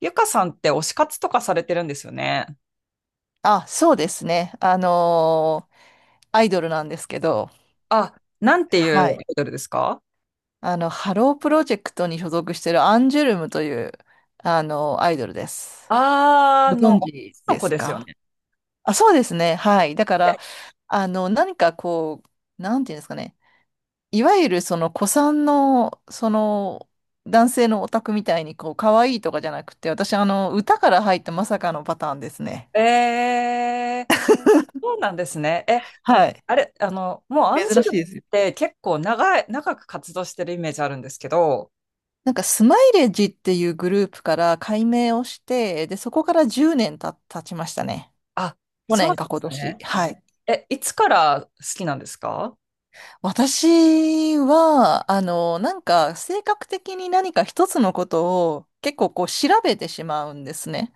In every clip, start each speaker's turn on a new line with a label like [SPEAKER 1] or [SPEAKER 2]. [SPEAKER 1] ゆかさんって推し活とかされてるんですよね。
[SPEAKER 2] あ、そうですね。アイドルなんですけど、
[SPEAKER 1] あ、なんていうア
[SPEAKER 2] は
[SPEAKER 1] イ
[SPEAKER 2] い。
[SPEAKER 1] ドルですか？
[SPEAKER 2] ハロープロジェクトに所属してるアンジュルムという、あのアイドルです。ご存知
[SPEAKER 1] 女の
[SPEAKER 2] で
[SPEAKER 1] 子
[SPEAKER 2] す
[SPEAKER 1] ですよ
[SPEAKER 2] か？
[SPEAKER 1] ね。
[SPEAKER 2] あ、そうですね。はい。だから、あの、何かこう、なんていうんですかね。いわゆるその古参の、その、男性のオタクみたいに、こう、可愛いとかじゃなくて、私、あの、歌から入ったまさかのパターンですね。
[SPEAKER 1] え、そうなんですね。え、
[SPEAKER 2] はい。
[SPEAKER 1] あれ、もうアンジ
[SPEAKER 2] 珍
[SPEAKER 1] ュル
[SPEAKER 2] しい
[SPEAKER 1] ム
[SPEAKER 2] ですよ。
[SPEAKER 1] って結構長く活動してるイメージあるんですけど、
[SPEAKER 2] なんかスマイレージっていうグループから改名をして、で、そこから10年経ちましたね。
[SPEAKER 1] あ、
[SPEAKER 2] 去
[SPEAKER 1] そうなん
[SPEAKER 2] 年
[SPEAKER 1] で
[SPEAKER 2] か今
[SPEAKER 1] す
[SPEAKER 2] 年。
[SPEAKER 1] ね。
[SPEAKER 2] はい。
[SPEAKER 1] え、いつから好きなんですか？
[SPEAKER 2] 私は、あの、なんか性格的に何か一つのことを結構こう調べてしまうんですね。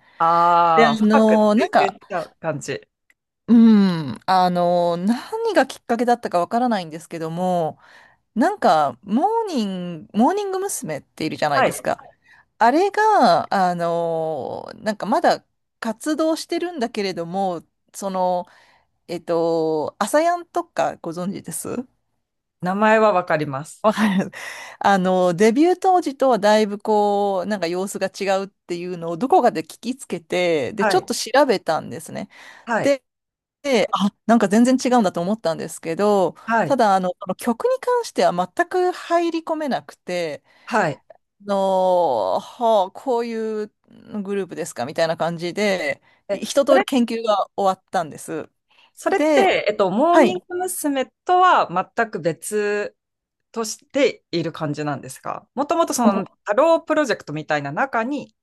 [SPEAKER 2] で、あ
[SPEAKER 1] ああー、深く
[SPEAKER 2] の、なん
[SPEAKER 1] 追求し
[SPEAKER 2] か、
[SPEAKER 1] ちゃう感じ。
[SPEAKER 2] うん、あの、何がきっかけだったかわからないんですけども、なんか、モーニング娘。っているじゃない
[SPEAKER 1] は
[SPEAKER 2] です
[SPEAKER 1] い。
[SPEAKER 2] か。あれが、なんかまだ活動してるんだけれども、その、えっと、アサヤンとかご存知です？
[SPEAKER 1] 名前はわかります。
[SPEAKER 2] わかる。あの、デビュー当時とはだいぶこう、なんか様子が違うっていうのをどこかで聞きつけて、で、ち
[SPEAKER 1] は
[SPEAKER 2] ょ
[SPEAKER 1] い。
[SPEAKER 2] っと調べたんですね。
[SPEAKER 1] はい。
[SPEAKER 2] で、あ、なんか全然違うんだと思ったんですけど、
[SPEAKER 1] は
[SPEAKER 2] た
[SPEAKER 1] い。
[SPEAKER 2] だ、あの、この曲に関しては全く入り込めなくて、
[SPEAKER 1] はい。
[SPEAKER 2] の、はあ、こういうグループですかみたいな感じで、
[SPEAKER 1] え、
[SPEAKER 2] 一
[SPEAKER 1] そ
[SPEAKER 2] 通り
[SPEAKER 1] れ
[SPEAKER 2] 研究が終わったんです。
[SPEAKER 1] それっ
[SPEAKER 2] で、
[SPEAKER 1] て、モー
[SPEAKER 2] は
[SPEAKER 1] ニン
[SPEAKER 2] い。
[SPEAKER 1] グ娘。とは全く別としている感じなんですか？もともとそのハロープロジェクトみたいな中に、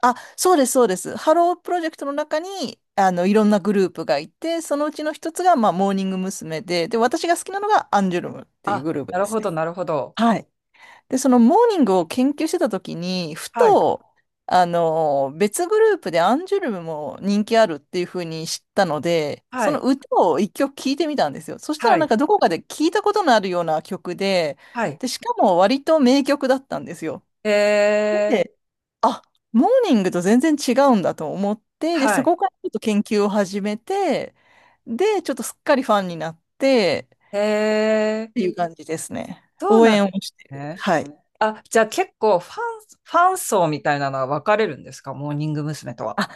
[SPEAKER 2] あ、そうです、そうです。ハロープロジェクトの中に、あの、いろんなグループがいて、そのうちの一つが、まあ、モーニング娘。で、で、私が好きなのがアンジュルムっていう
[SPEAKER 1] あ、
[SPEAKER 2] グループ
[SPEAKER 1] な
[SPEAKER 2] で
[SPEAKER 1] る
[SPEAKER 2] す
[SPEAKER 1] ほど、
[SPEAKER 2] ね。
[SPEAKER 1] なるほど。
[SPEAKER 2] はい。で、そのモーニングを研究してた時に、ふ
[SPEAKER 1] はい、
[SPEAKER 2] と、あの、別グループでアンジュルムも人気あるっていうふうに知ったので、
[SPEAKER 1] は
[SPEAKER 2] その
[SPEAKER 1] い、
[SPEAKER 2] 歌を一曲聴いてみたんですよ。そしたら
[SPEAKER 1] は
[SPEAKER 2] な
[SPEAKER 1] い、
[SPEAKER 2] んかどこかで聞いたことのあるような曲で、
[SPEAKER 1] はい。
[SPEAKER 2] で、しかも割と名曲だったんですよ。
[SPEAKER 1] えー、
[SPEAKER 2] で、あ、モーニングと全然違うんだと思って、で、
[SPEAKER 1] は
[SPEAKER 2] そ
[SPEAKER 1] い。
[SPEAKER 2] こからちょっと研究を始めて、で、ちょっとすっかりファンになって、
[SPEAKER 1] えー、
[SPEAKER 2] っていう感じですね。
[SPEAKER 1] どう
[SPEAKER 2] 応
[SPEAKER 1] なんで
[SPEAKER 2] 援を
[SPEAKER 1] す
[SPEAKER 2] してる。
[SPEAKER 1] ね。
[SPEAKER 2] はい。
[SPEAKER 1] あ、じゃあ結構ファン層みたいなのは分かれるんですか？モーニング娘。とは。
[SPEAKER 2] あ、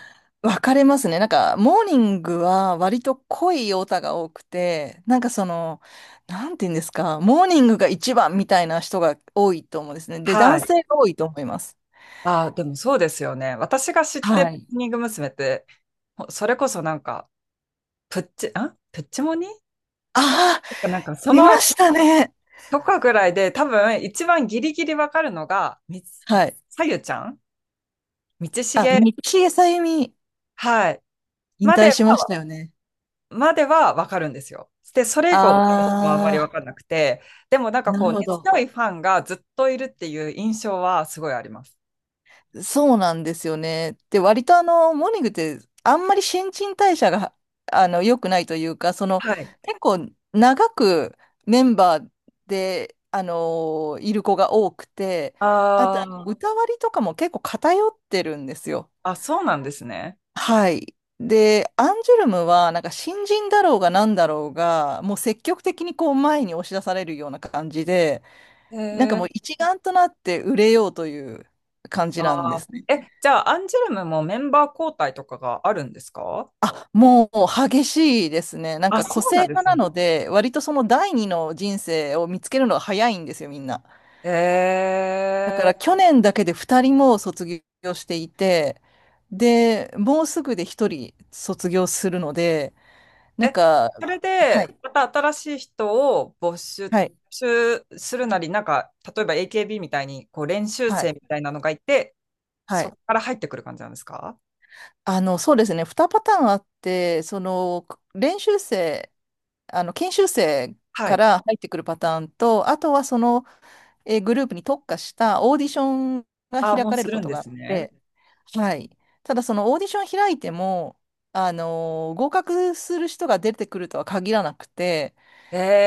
[SPEAKER 2] 分かれますね。なんか、モーニングは割と濃いオタが多くて、なんかその、なんて言うんですか、モーニングが一番みたいな人が多いと思うんですね。で、
[SPEAKER 1] は
[SPEAKER 2] 男
[SPEAKER 1] い。
[SPEAKER 2] 性が多いと思います。
[SPEAKER 1] あ、でもそうですよね。私が知って
[SPEAKER 2] は
[SPEAKER 1] る
[SPEAKER 2] い。
[SPEAKER 1] モーニング娘。って、ほそれこそなんか、プッチモニ
[SPEAKER 2] ああ、
[SPEAKER 1] なんかそ
[SPEAKER 2] 出ま
[SPEAKER 1] の
[SPEAKER 2] したね。
[SPEAKER 1] とかぐらいで多分一番ギリギリわかるのが、みつ
[SPEAKER 2] はい。
[SPEAKER 1] さゆちゃん道
[SPEAKER 2] あ、道
[SPEAKER 1] 重、
[SPEAKER 2] 枝さゆみ、
[SPEAKER 1] はい。
[SPEAKER 2] 引
[SPEAKER 1] まで
[SPEAKER 2] 退
[SPEAKER 1] は、
[SPEAKER 2] しましたよね。
[SPEAKER 1] まではわかるんですよ。で、それ以降はあんまりわ
[SPEAKER 2] ああ、
[SPEAKER 1] かんなくて、でもなんか
[SPEAKER 2] な
[SPEAKER 1] こ
[SPEAKER 2] る
[SPEAKER 1] う、
[SPEAKER 2] ほ
[SPEAKER 1] 根
[SPEAKER 2] ど。
[SPEAKER 1] 強いファンがずっといるっていう印象はすごいあります。
[SPEAKER 2] そうなんですよね。で、割とあの、モーニングってあんまり新陳代謝が、あの、良くないというか、その、
[SPEAKER 1] はい。
[SPEAKER 2] 結構長くメンバーで、あの、いる子が多くて、
[SPEAKER 1] あ
[SPEAKER 2] あと、
[SPEAKER 1] ー
[SPEAKER 2] 歌割りとかも結構偏ってるんですよ。
[SPEAKER 1] あ、そうなんですね。
[SPEAKER 2] はい。で、アンジュルムは、なんか新人だろうが何だろうが、もう積極的にこう前に押し出されるような感じで、
[SPEAKER 1] へ
[SPEAKER 2] なんか
[SPEAKER 1] え。
[SPEAKER 2] もう一丸となって売れようという感じなんで
[SPEAKER 1] あー
[SPEAKER 2] すね。
[SPEAKER 1] え、じゃあ、アンジュルムもメンバー交代とかがあるんですか？
[SPEAKER 2] あ、もう激しいですね。なん
[SPEAKER 1] あ、
[SPEAKER 2] か個
[SPEAKER 1] そう
[SPEAKER 2] 性
[SPEAKER 1] なんで
[SPEAKER 2] 派
[SPEAKER 1] す
[SPEAKER 2] な
[SPEAKER 1] ね。
[SPEAKER 2] ので、割とその第二の人生を見つけるのが早いんですよ、みんな。
[SPEAKER 1] え
[SPEAKER 2] だか
[SPEAKER 1] え。
[SPEAKER 2] ら去年だけで二人も卒業していて、で、もうすぐで一人卒業するので、なん
[SPEAKER 1] え、
[SPEAKER 2] か、
[SPEAKER 1] それ
[SPEAKER 2] は
[SPEAKER 1] で、
[SPEAKER 2] い、
[SPEAKER 1] また新しい人を募
[SPEAKER 2] はい、
[SPEAKER 1] 集するなり、なんか、例えば AKB みたいに、こう、練習
[SPEAKER 2] は
[SPEAKER 1] 生
[SPEAKER 2] い、
[SPEAKER 1] みたいなのがいて、
[SPEAKER 2] は
[SPEAKER 1] そ
[SPEAKER 2] い。
[SPEAKER 1] こから入ってくる感じなんですか？
[SPEAKER 2] あの、そうですね、二パターンあって、その、練習生、あの、研修生
[SPEAKER 1] は
[SPEAKER 2] か
[SPEAKER 1] い。
[SPEAKER 2] ら入ってくるパターンと、あとはその、グループに特化したオーディションが
[SPEAKER 1] あ、
[SPEAKER 2] 開
[SPEAKER 1] もう
[SPEAKER 2] かれ
[SPEAKER 1] す
[SPEAKER 2] るこ
[SPEAKER 1] るん
[SPEAKER 2] と
[SPEAKER 1] で
[SPEAKER 2] があっ
[SPEAKER 1] すね。
[SPEAKER 2] て、はい。ただそのオーディション開いても、合格する人が出てくるとは限らなくて、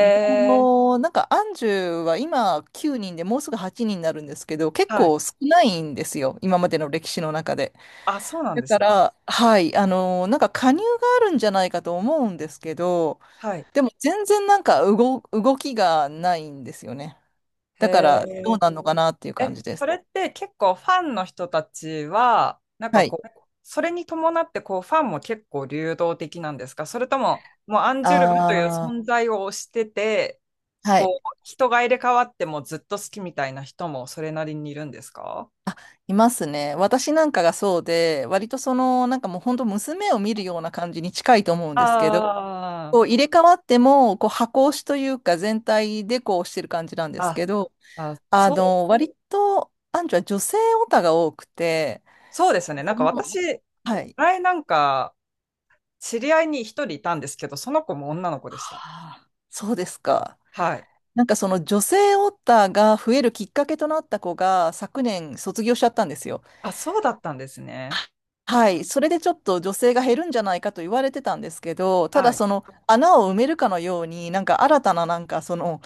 [SPEAKER 2] でなんかアンジュは今9人でもうすぐ8人にんになるんですけど、結
[SPEAKER 1] はい。
[SPEAKER 2] 構少ないんですよ、今までの歴史の中で。
[SPEAKER 1] あ、そうなん
[SPEAKER 2] だ
[SPEAKER 1] で
[SPEAKER 2] か
[SPEAKER 1] すね。
[SPEAKER 2] ら、はい、なんか加入があるんじゃないかと思うんですけど、
[SPEAKER 1] はい。
[SPEAKER 2] でも全然動きがないんですよね。
[SPEAKER 1] へ
[SPEAKER 2] だからどう
[SPEAKER 1] え。
[SPEAKER 2] なるのかなっていう感
[SPEAKER 1] え、
[SPEAKER 2] じで
[SPEAKER 1] そ
[SPEAKER 2] す。
[SPEAKER 1] れって結構ファンの人たちは、なん
[SPEAKER 2] は
[SPEAKER 1] か
[SPEAKER 2] い。
[SPEAKER 1] こう、それに伴ってこうファンも結構流動的なんですか？それとも、もうアンジュルムという
[SPEAKER 2] あ
[SPEAKER 1] 存
[SPEAKER 2] あ、
[SPEAKER 1] 在を推してて、
[SPEAKER 2] はい。
[SPEAKER 1] こう、人が入れ替わってもずっと好きみたいな人もそれなりにいるんですか？
[SPEAKER 2] あ、いますね。私なんかがそうで、割とその、なんかもう本当娘を見るような感じに近いと思うんですけど、
[SPEAKER 1] あ
[SPEAKER 2] こう入れ替わっても、こう箱押しというか全体でこうしてる感じなんです
[SPEAKER 1] あ、
[SPEAKER 2] けど、
[SPEAKER 1] あ、あ、
[SPEAKER 2] あ
[SPEAKER 1] そう、
[SPEAKER 2] の、割と、アンジュは女性オタが多くて、
[SPEAKER 1] そうですね。な
[SPEAKER 2] そ
[SPEAKER 1] んか私、
[SPEAKER 2] の、はい。
[SPEAKER 1] 前なんか知り合いに一人いたんですけど、その子も女の子でした。
[SPEAKER 2] はあ、そうですか。
[SPEAKER 1] はい。
[SPEAKER 2] なんかその女性オタが増えるきっかけとなった子が昨年卒業しちゃったんですよ。
[SPEAKER 1] あ、そうだったんですね。
[SPEAKER 2] はい、それでちょっと女性が減るんじゃないかと言われてたんですけど、た
[SPEAKER 1] は
[SPEAKER 2] だ
[SPEAKER 1] い。
[SPEAKER 2] その穴を埋めるかのように、なんか新たななんかその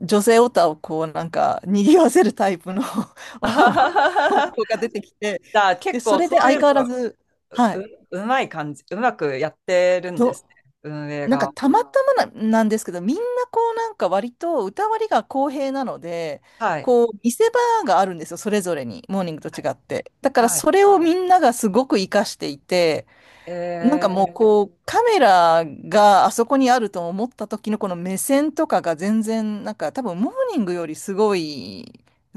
[SPEAKER 2] 女性オタをこうなんか賑わせるタイプの
[SPEAKER 1] あ ははは
[SPEAKER 2] 男が出てきて、
[SPEAKER 1] じゃあ
[SPEAKER 2] で、
[SPEAKER 1] 結
[SPEAKER 2] そ
[SPEAKER 1] 構
[SPEAKER 2] れ
[SPEAKER 1] そ
[SPEAKER 2] で
[SPEAKER 1] ういう
[SPEAKER 2] 相
[SPEAKER 1] の
[SPEAKER 2] 変わら
[SPEAKER 1] が
[SPEAKER 2] ず、は
[SPEAKER 1] う、
[SPEAKER 2] い、
[SPEAKER 1] うまい感じ、うまくやってるんで
[SPEAKER 2] ど、
[SPEAKER 1] すね、運営
[SPEAKER 2] なんか
[SPEAKER 1] が。
[SPEAKER 2] たまたまな、なんですけど、みんなこうなんか割と歌割りが公平なので、
[SPEAKER 1] はい。
[SPEAKER 2] こう見せ場があるんですよ、それぞれに、モーニングと
[SPEAKER 1] は
[SPEAKER 2] 違
[SPEAKER 1] い。
[SPEAKER 2] って。だから
[SPEAKER 1] はい。
[SPEAKER 2] それをみんながすごく活かしていて、なんか
[SPEAKER 1] え
[SPEAKER 2] もう
[SPEAKER 1] ー、
[SPEAKER 2] こうカメラがあそこにあると思った時のこの目線とかが全然なんか多分モーニングよりすごい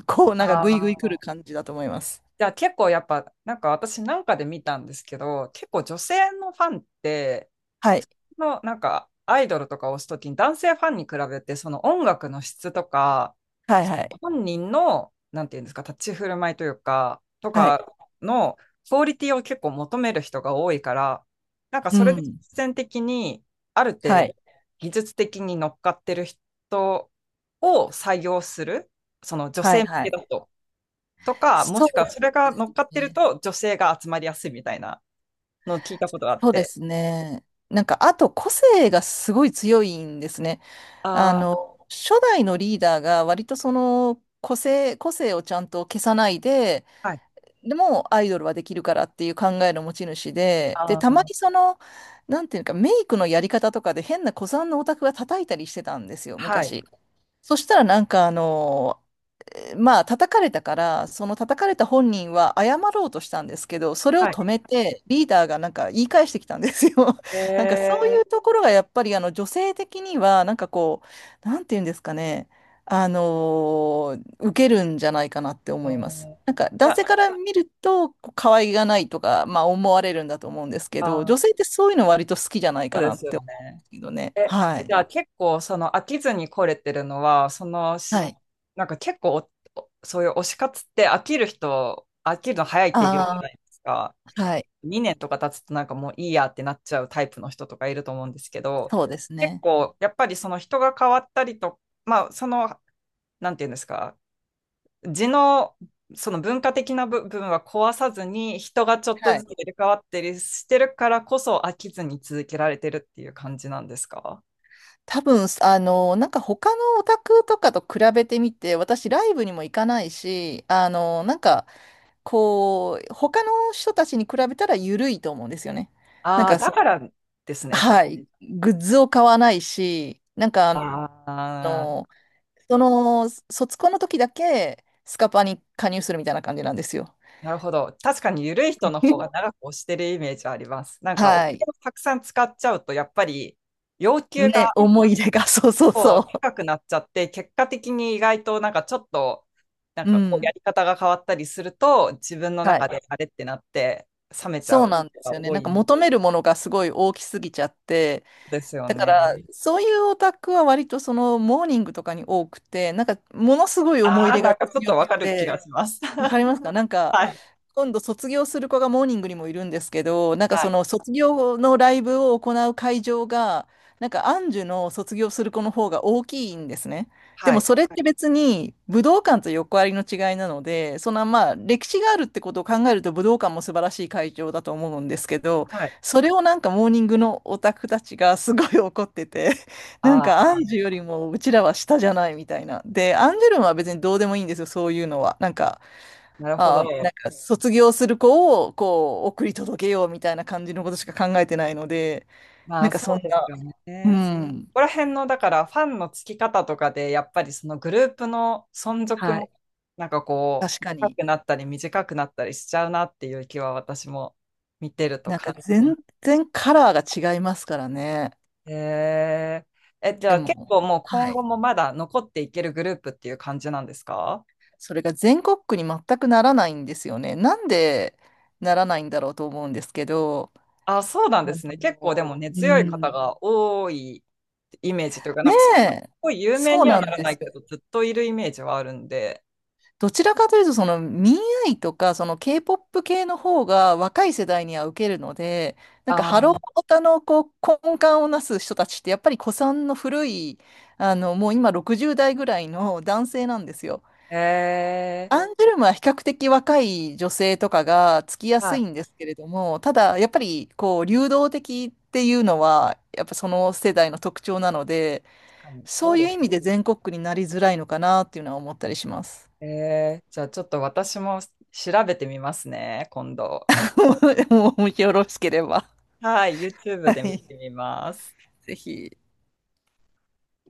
[SPEAKER 2] こう
[SPEAKER 1] あ
[SPEAKER 2] なんかグイグイ来る
[SPEAKER 1] ー、
[SPEAKER 2] 感じだと思います。
[SPEAKER 1] じゃあ結構やっぱ、なんか私なんかで見たんですけど、結構女性のファンって、
[SPEAKER 2] はい。
[SPEAKER 1] のなんかアイドルとかを推すときに男性ファンに比べてその音楽の質とか
[SPEAKER 2] はい
[SPEAKER 1] そ
[SPEAKER 2] は
[SPEAKER 1] の
[SPEAKER 2] い。
[SPEAKER 1] 本人のなんていうんですか立ち振る舞いというかと
[SPEAKER 2] はい。
[SPEAKER 1] かのクオリティを結構求める人が多いからなんか
[SPEAKER 2] う
[SPEAKER 1] それで
[SPEAKER 2] ん。
[SPEAKER 1] 実践的にある程
[SPEAKER 2] は
[SPEAKER 1] 度
[SPEAKER 2] い。
[SPEAKER 1] 技術的に乗っかってる人を採用するその女
[SPEAKER 2] は
[SPEAKER 1] 性
[SPEAKER 2] い
[SPEAKER 1] 向
[SPEAKER 2] は
[SPEAKER 1] け
[SPEAKER 2] い。
[SPEAKER 1] だととかも
[SPEAKER 2] そ
[SPEAKER 1] しく
[SPEAKER 2] う
[SPEAKER 1] はそれが
[SPEAKER 2] です
[SPEAKER 1] 乗っかってる
[SPEAKER 2] ね。
[SPEAKER 1] と女性が集まりやすいみたいなのを聞いたことがあっ
[SPEAKER 2] そうで
[SPEAKER 1] て
[SPEAKER 2] すね。なんかあと個性がすごい強いんですね。あ
[SPEAKER 1] ああ
[SPEAKER 2] の、初代のリーダーが割とその個性をちゃんと消さないで、
[SPEAKER 1] はい
[SPEAKER 2] でもアイドルはできるからっていう考えの持ち主で、で、
[SPEAKER 1] あ
[SPEAKER 2] たまに
[SPEAKER 1] あ
[SPEAKER 2] その、なんていうか、メイクのやり方とかで変な古参のオタクが叩いたりしてたんですよ、
[SPEAKER 1] はい。
[SPEAKER 2] 昔。そしたらなんかあの、まあ、叩かれたから、その叩かれた本人は謝ろうとしたんですけど、それを
[SPEAKER 1] はい。
[SPEAKER 2] 止めて、リーダーがなんか言い返してきたんですよ。
[SPEAKER 1] え
[SPEAKER 2] なんかそうい
[SPEAKER 1] ー、
[SPEAKER 2] うところがやっぱりあの女性的には、なんていうんですかね、受けるんじゃないかなって
[SPEAKER 1] あ
[SPEAKER 2] 思います。
[SPEAKER 1] ー、い
[SPEAKER 2] なんか男
[SPEAKER 1] や、
[SPEAKER 2] 性から見ると、こう可愛がないとか、まあ思われるんだと思うんですけど、
[SPEAKER 1] あ
[SPEAKER 2] 女
[SPEAKER 1] ー、
[SPEAKER 2] 性ってそういうの割と好きじゃない
[SPEAKER 1] そ
[SPEAKER 2] か
[SPEAKER 1] うで
[SPEAKER 2] なっ
[SPEAKER 1] す
[SPEAKER 2] て
[SPEAKER 1] よ
[SPEAKER 2] 思うん
[SPEAKER 1] ね。
[SPEAKER 2] ですけどね。
[SPEAKER 1] え、
[SPEAKER 2] は
[SPEAKER 1] じ
[SPEAKER 2] い。
[SPEAKER 1] ゃあ結構その飽きずに来れてるのは、その
[SPEAKER 2] は
[SPEAKER 1] し、
[SPEAKER 2] い。
[SPEAKER 1] なんか結構おおそういう推し活って飽きる人、飽きるの早いって言うじゃな
[SPEAKER 2] あ
[SPEAKER 1] いですか。
[SPEAKER 2] あ、はい。
[SPEAKER 1] 2年とか経つとなんかもういいやってなっちゃうタイプの人とかいると思うんですけど、
[SPEAKER 2] そうです
[SPEAKER 1] 結
[SPEAKER 2] ね。
[SPEAKER 1] 構やっぱりその人が変わったりと、まあその、なんていうんですか、地のその文化的な部分は壊さずに人がちょっと
[SPEAKER 2] は
[SPEAKER 1] ず
[SPEAKER 2] い。
[SPEAKER 1] つ入れ替わったりしてるからこそ飽きずに続けられてるっていう感じなんですか？
[SPEAKER 2] 多分、あの、なんか他のオタクとかと比べてみて、私ライブにも行かないし、あの、なんか、こう、他の人たちに比べたら緩いと思うんですよね。なん
[SPEAKER 1] ああー、
[SPEAKER 2] か
[SPEAKER 1] だ
[SPEAKER 2] そ
[SPEAKER 1] か
[SPEAKER 2] う、
[SPEAKER 1] らですね、じゃ
[SPEAKER 2] はい、グッズを買わないし、なんかあ
[SPEAKER 1] あ。ああ、
[SPEAKER 2] の、その、卒コンの時だけスカパに加入するみたいな感じなんですよ。
[SPEAKER 1] なるほど。確かに緩い人の方が 長く押してるイメージはあります。なんかお金
[SPEAKER 2] はい。
[SPEAKER 1] をたくさん使っちゃうと、やっぱり要求が
[SPEAKER 2] ね、思い出が、そうそうそ
[SPEAKER 1] 高くなっちゃって、結果的に意外となんかちょっと、なん
[SPEAKER 2] う。う
[SPEAKER 1] かこう
[SPEAKER 2] ん。
[SPEAKER 1] やり方が変わったりすると、自分の
[SPEAKER 2] は
[SPEAKER 1] 中
[SPEAKER 2] い。
[SPEAKER 1] であれってなって、冷めちゃ
[SPEAKER 2] そう
[SPEAKER 1] う
[SPEAKER 2] なんで
[SPEAKER 1] 人
[SPEAKER 2] す
[SPEAKER 1] が
[SPEAKER 2] よね。
[SPEAKER 1] 多
[SPEAKER 2] なんか
[SPEAKER 1] い
[SPEAKER 2] 求めるものがすごい大きすぎちゃって、
[SPEAKER 1] ですよ
[SPEAKER 2] だから、
[SPEAKER 1] ね。
[SPEAKER 2] そういうオタクは割とそのモーニングとかに多くて、なんかものすごい思い入
[SPEAKER 1] ああ、
[SPEAKER 2] れ
[SPEAKER 1] な
[SPEAKER 2] が
[SPEAKER 1] んかちょっ
[SPEAKER 2] 強
[SPEAKER 1] とわ
[SPEAKER 2] く
[SPEAKER 1] かる気が
[SPEAKER 2] て、
[SPEAKER 1] します。
[SPEAKER 2] わか りますか？なんか、
[SPEAKER 1] はい、
[SPEAKER 2] 今度卒業する子がモーニングにもいるんですけど、なんか
[SPEAKER 1] は
[SPEAKER 2] そ
[SPEAKER 1] い、
[SPEAKER 2] の卒業のライブを行う会場が、なんかアンジュの卒業する子の方が大きいんですね。で
[SPEAKER 1] は
[SPEAKER 2] も
[SPEAKER 1] い、
[SPEAKER 2] それって別に武道館と横ありの違いなので、そのまあ歴史があるってことを考えると武道館も素晴らしい会場だと思うんですけど、
[SPEAKER 1] はい。
[SPEAKER 2] それをなんかモーニングのオタクたちがすごい怒ってて、なん
[SPEAKER 1] あ
[SPEAKER 2] かア
[SPEAKER 1] あ、
[SPEAKER 2] ンジュよりもうちらは下じゃないみたいな。で、アンジュルムは別にどうでもいいんですよ、そういうのは。なんか
[SPEAKER 1] なるほ
[SPEAKER 2] あ
[SPEAKER 1] ど。
[SPEAKER 2] あ、なんか卒業する子をこう送り届けようみたいな感じのことしか考えてないので、
[SPEAKER 1] ま
[SPEAKER 2] なん
[SPEAKER 1] あ
[SPEAKER 2] か
[SPEAKER 1] そ
[SPEAKER 2] そ
[SPEAKER 1] う
[SPEAKER 2] ん
[SPEAKER 1] で
[SPEAKER 2] な、
[SPEAKER 1] すよ
[SPEAKER 2] う
[SPEAKER 1] ね。そ
[SPEAKER 2] ん、
[SPEAKER 1] こら辺の、だからファンのつき方とかで、やっぱりそのグループの存続
[SPEAKER 2] は
[SPEAKER 1] も、
[SPEAKER 2] い。
[SPEAKER 1] なんかこ
[SPEAKER 2] 確
[SPEAKER 1] う、
[SPEAKER 2] か
[SPEAKER 1] 長
[SPEAKER 2] に。
[SPEAKER 1] くなったり短くなったりしちゃうなっていう気は私も見てると
[SPEAKER 2] なんか
[SPEAKER 1] 感じま
[SPEAKER 2] 全
[SPEAKER 1] す。
[SPEAKER 2] 然カラーが違いますからね。
[SPEAKER 1] へえー。え、じゃ
[SPEAKER 2] で
[SPEAKER 1] あ結
[SPEAKER 2] も、
[SPEAKER 1] 構もう
[SPEAKER 2] は
[SPEAKER 1] 今後
[SPEAKER 2] い。
[SPEAKER 1] もまだ残っていけるグループっていう感じなんですか？
[SPEAKER 2] それが全国区に全くならないんですよね。なんでならないんだろうと思うんですけど、
[SPEAKER 1] あ、そうなん
[SPEAKER 2] あ
[SPEAKER 1] ですね。結構で
[SPEAKER 2] の、
[SPEAKER 1] も根
[SPEAKER 2] う
[SPEAKER 1] 強い方
[SPEAKER 2] ん、
[SPEAKER 1] が多いイメージというか、な
[SPEAKER 2] ね
[SPEAKER 1] んかそんなす
[SPEAKER 2] え、
[SPEAKER 1] ごい有名
[SPEAKER 2] そう
[SPEAKER 1] には
[SPEAKER 2] な
[SPEAKER 1] な
[SPEAKER 2] ん
[SPEAKER 1] ら
[SPEAKER 2] で
[SPEAKER 1] な
[SPEAKER 2] す
[SPEAKER 1] いけ
[SPEAKER 2] よ。
[SPEAKER 1] ど、ずっといるイメージはあるんで。
[SPEAKER 2] どちらかというと、その民愛とか、その K-POP 系の方が若い世代には受けるので、なんかハロー
[SPEAKER 1] あ
[SPEAKER 2] オタのこう根幹をなす人たちって、やっぱり古参の古い、あの、もう今60代ぐらいの男性なんですよ。
[SPEAKER 1] ー、へえ
[SPEAKER 2] アンジュルムは比較的若い女性とかがつきや
[SPEAKER 1] ー。は
[SPEAKER 2] すい
[SPEAKER 1] い。
[SPEAKER 2] んですけれども、ただやっぱりこう流動的っていうのは、やっぱその世代の特徴なので、
[SPEAKER 1] 確かに。
[SPEAKER 2] そ
[SPEAKER 1] そう
[SPEAKER 2] う
[SPEAKER 1] で
[SPEAKER 2] いう
[SPEAKER 1] す
[SPEAKER 2] 意味
[SPEAKER 1] ね。
[SPEAKER 2] で全国区になりづらいのかなっていうのは思ったりします。
[SPEAKER 1] じゃあちょっと私も調べてみますね、今度。
[SPEAKER 2] もしよろしければ、
[SPEAKER 1] はい、YouTube
[SPEAKER 2] は
[SPEAKER 1] で見
[SPEAKER 2] い、
[SPEAKER 1] てみます。
[SPEAKER 2] ぜひ。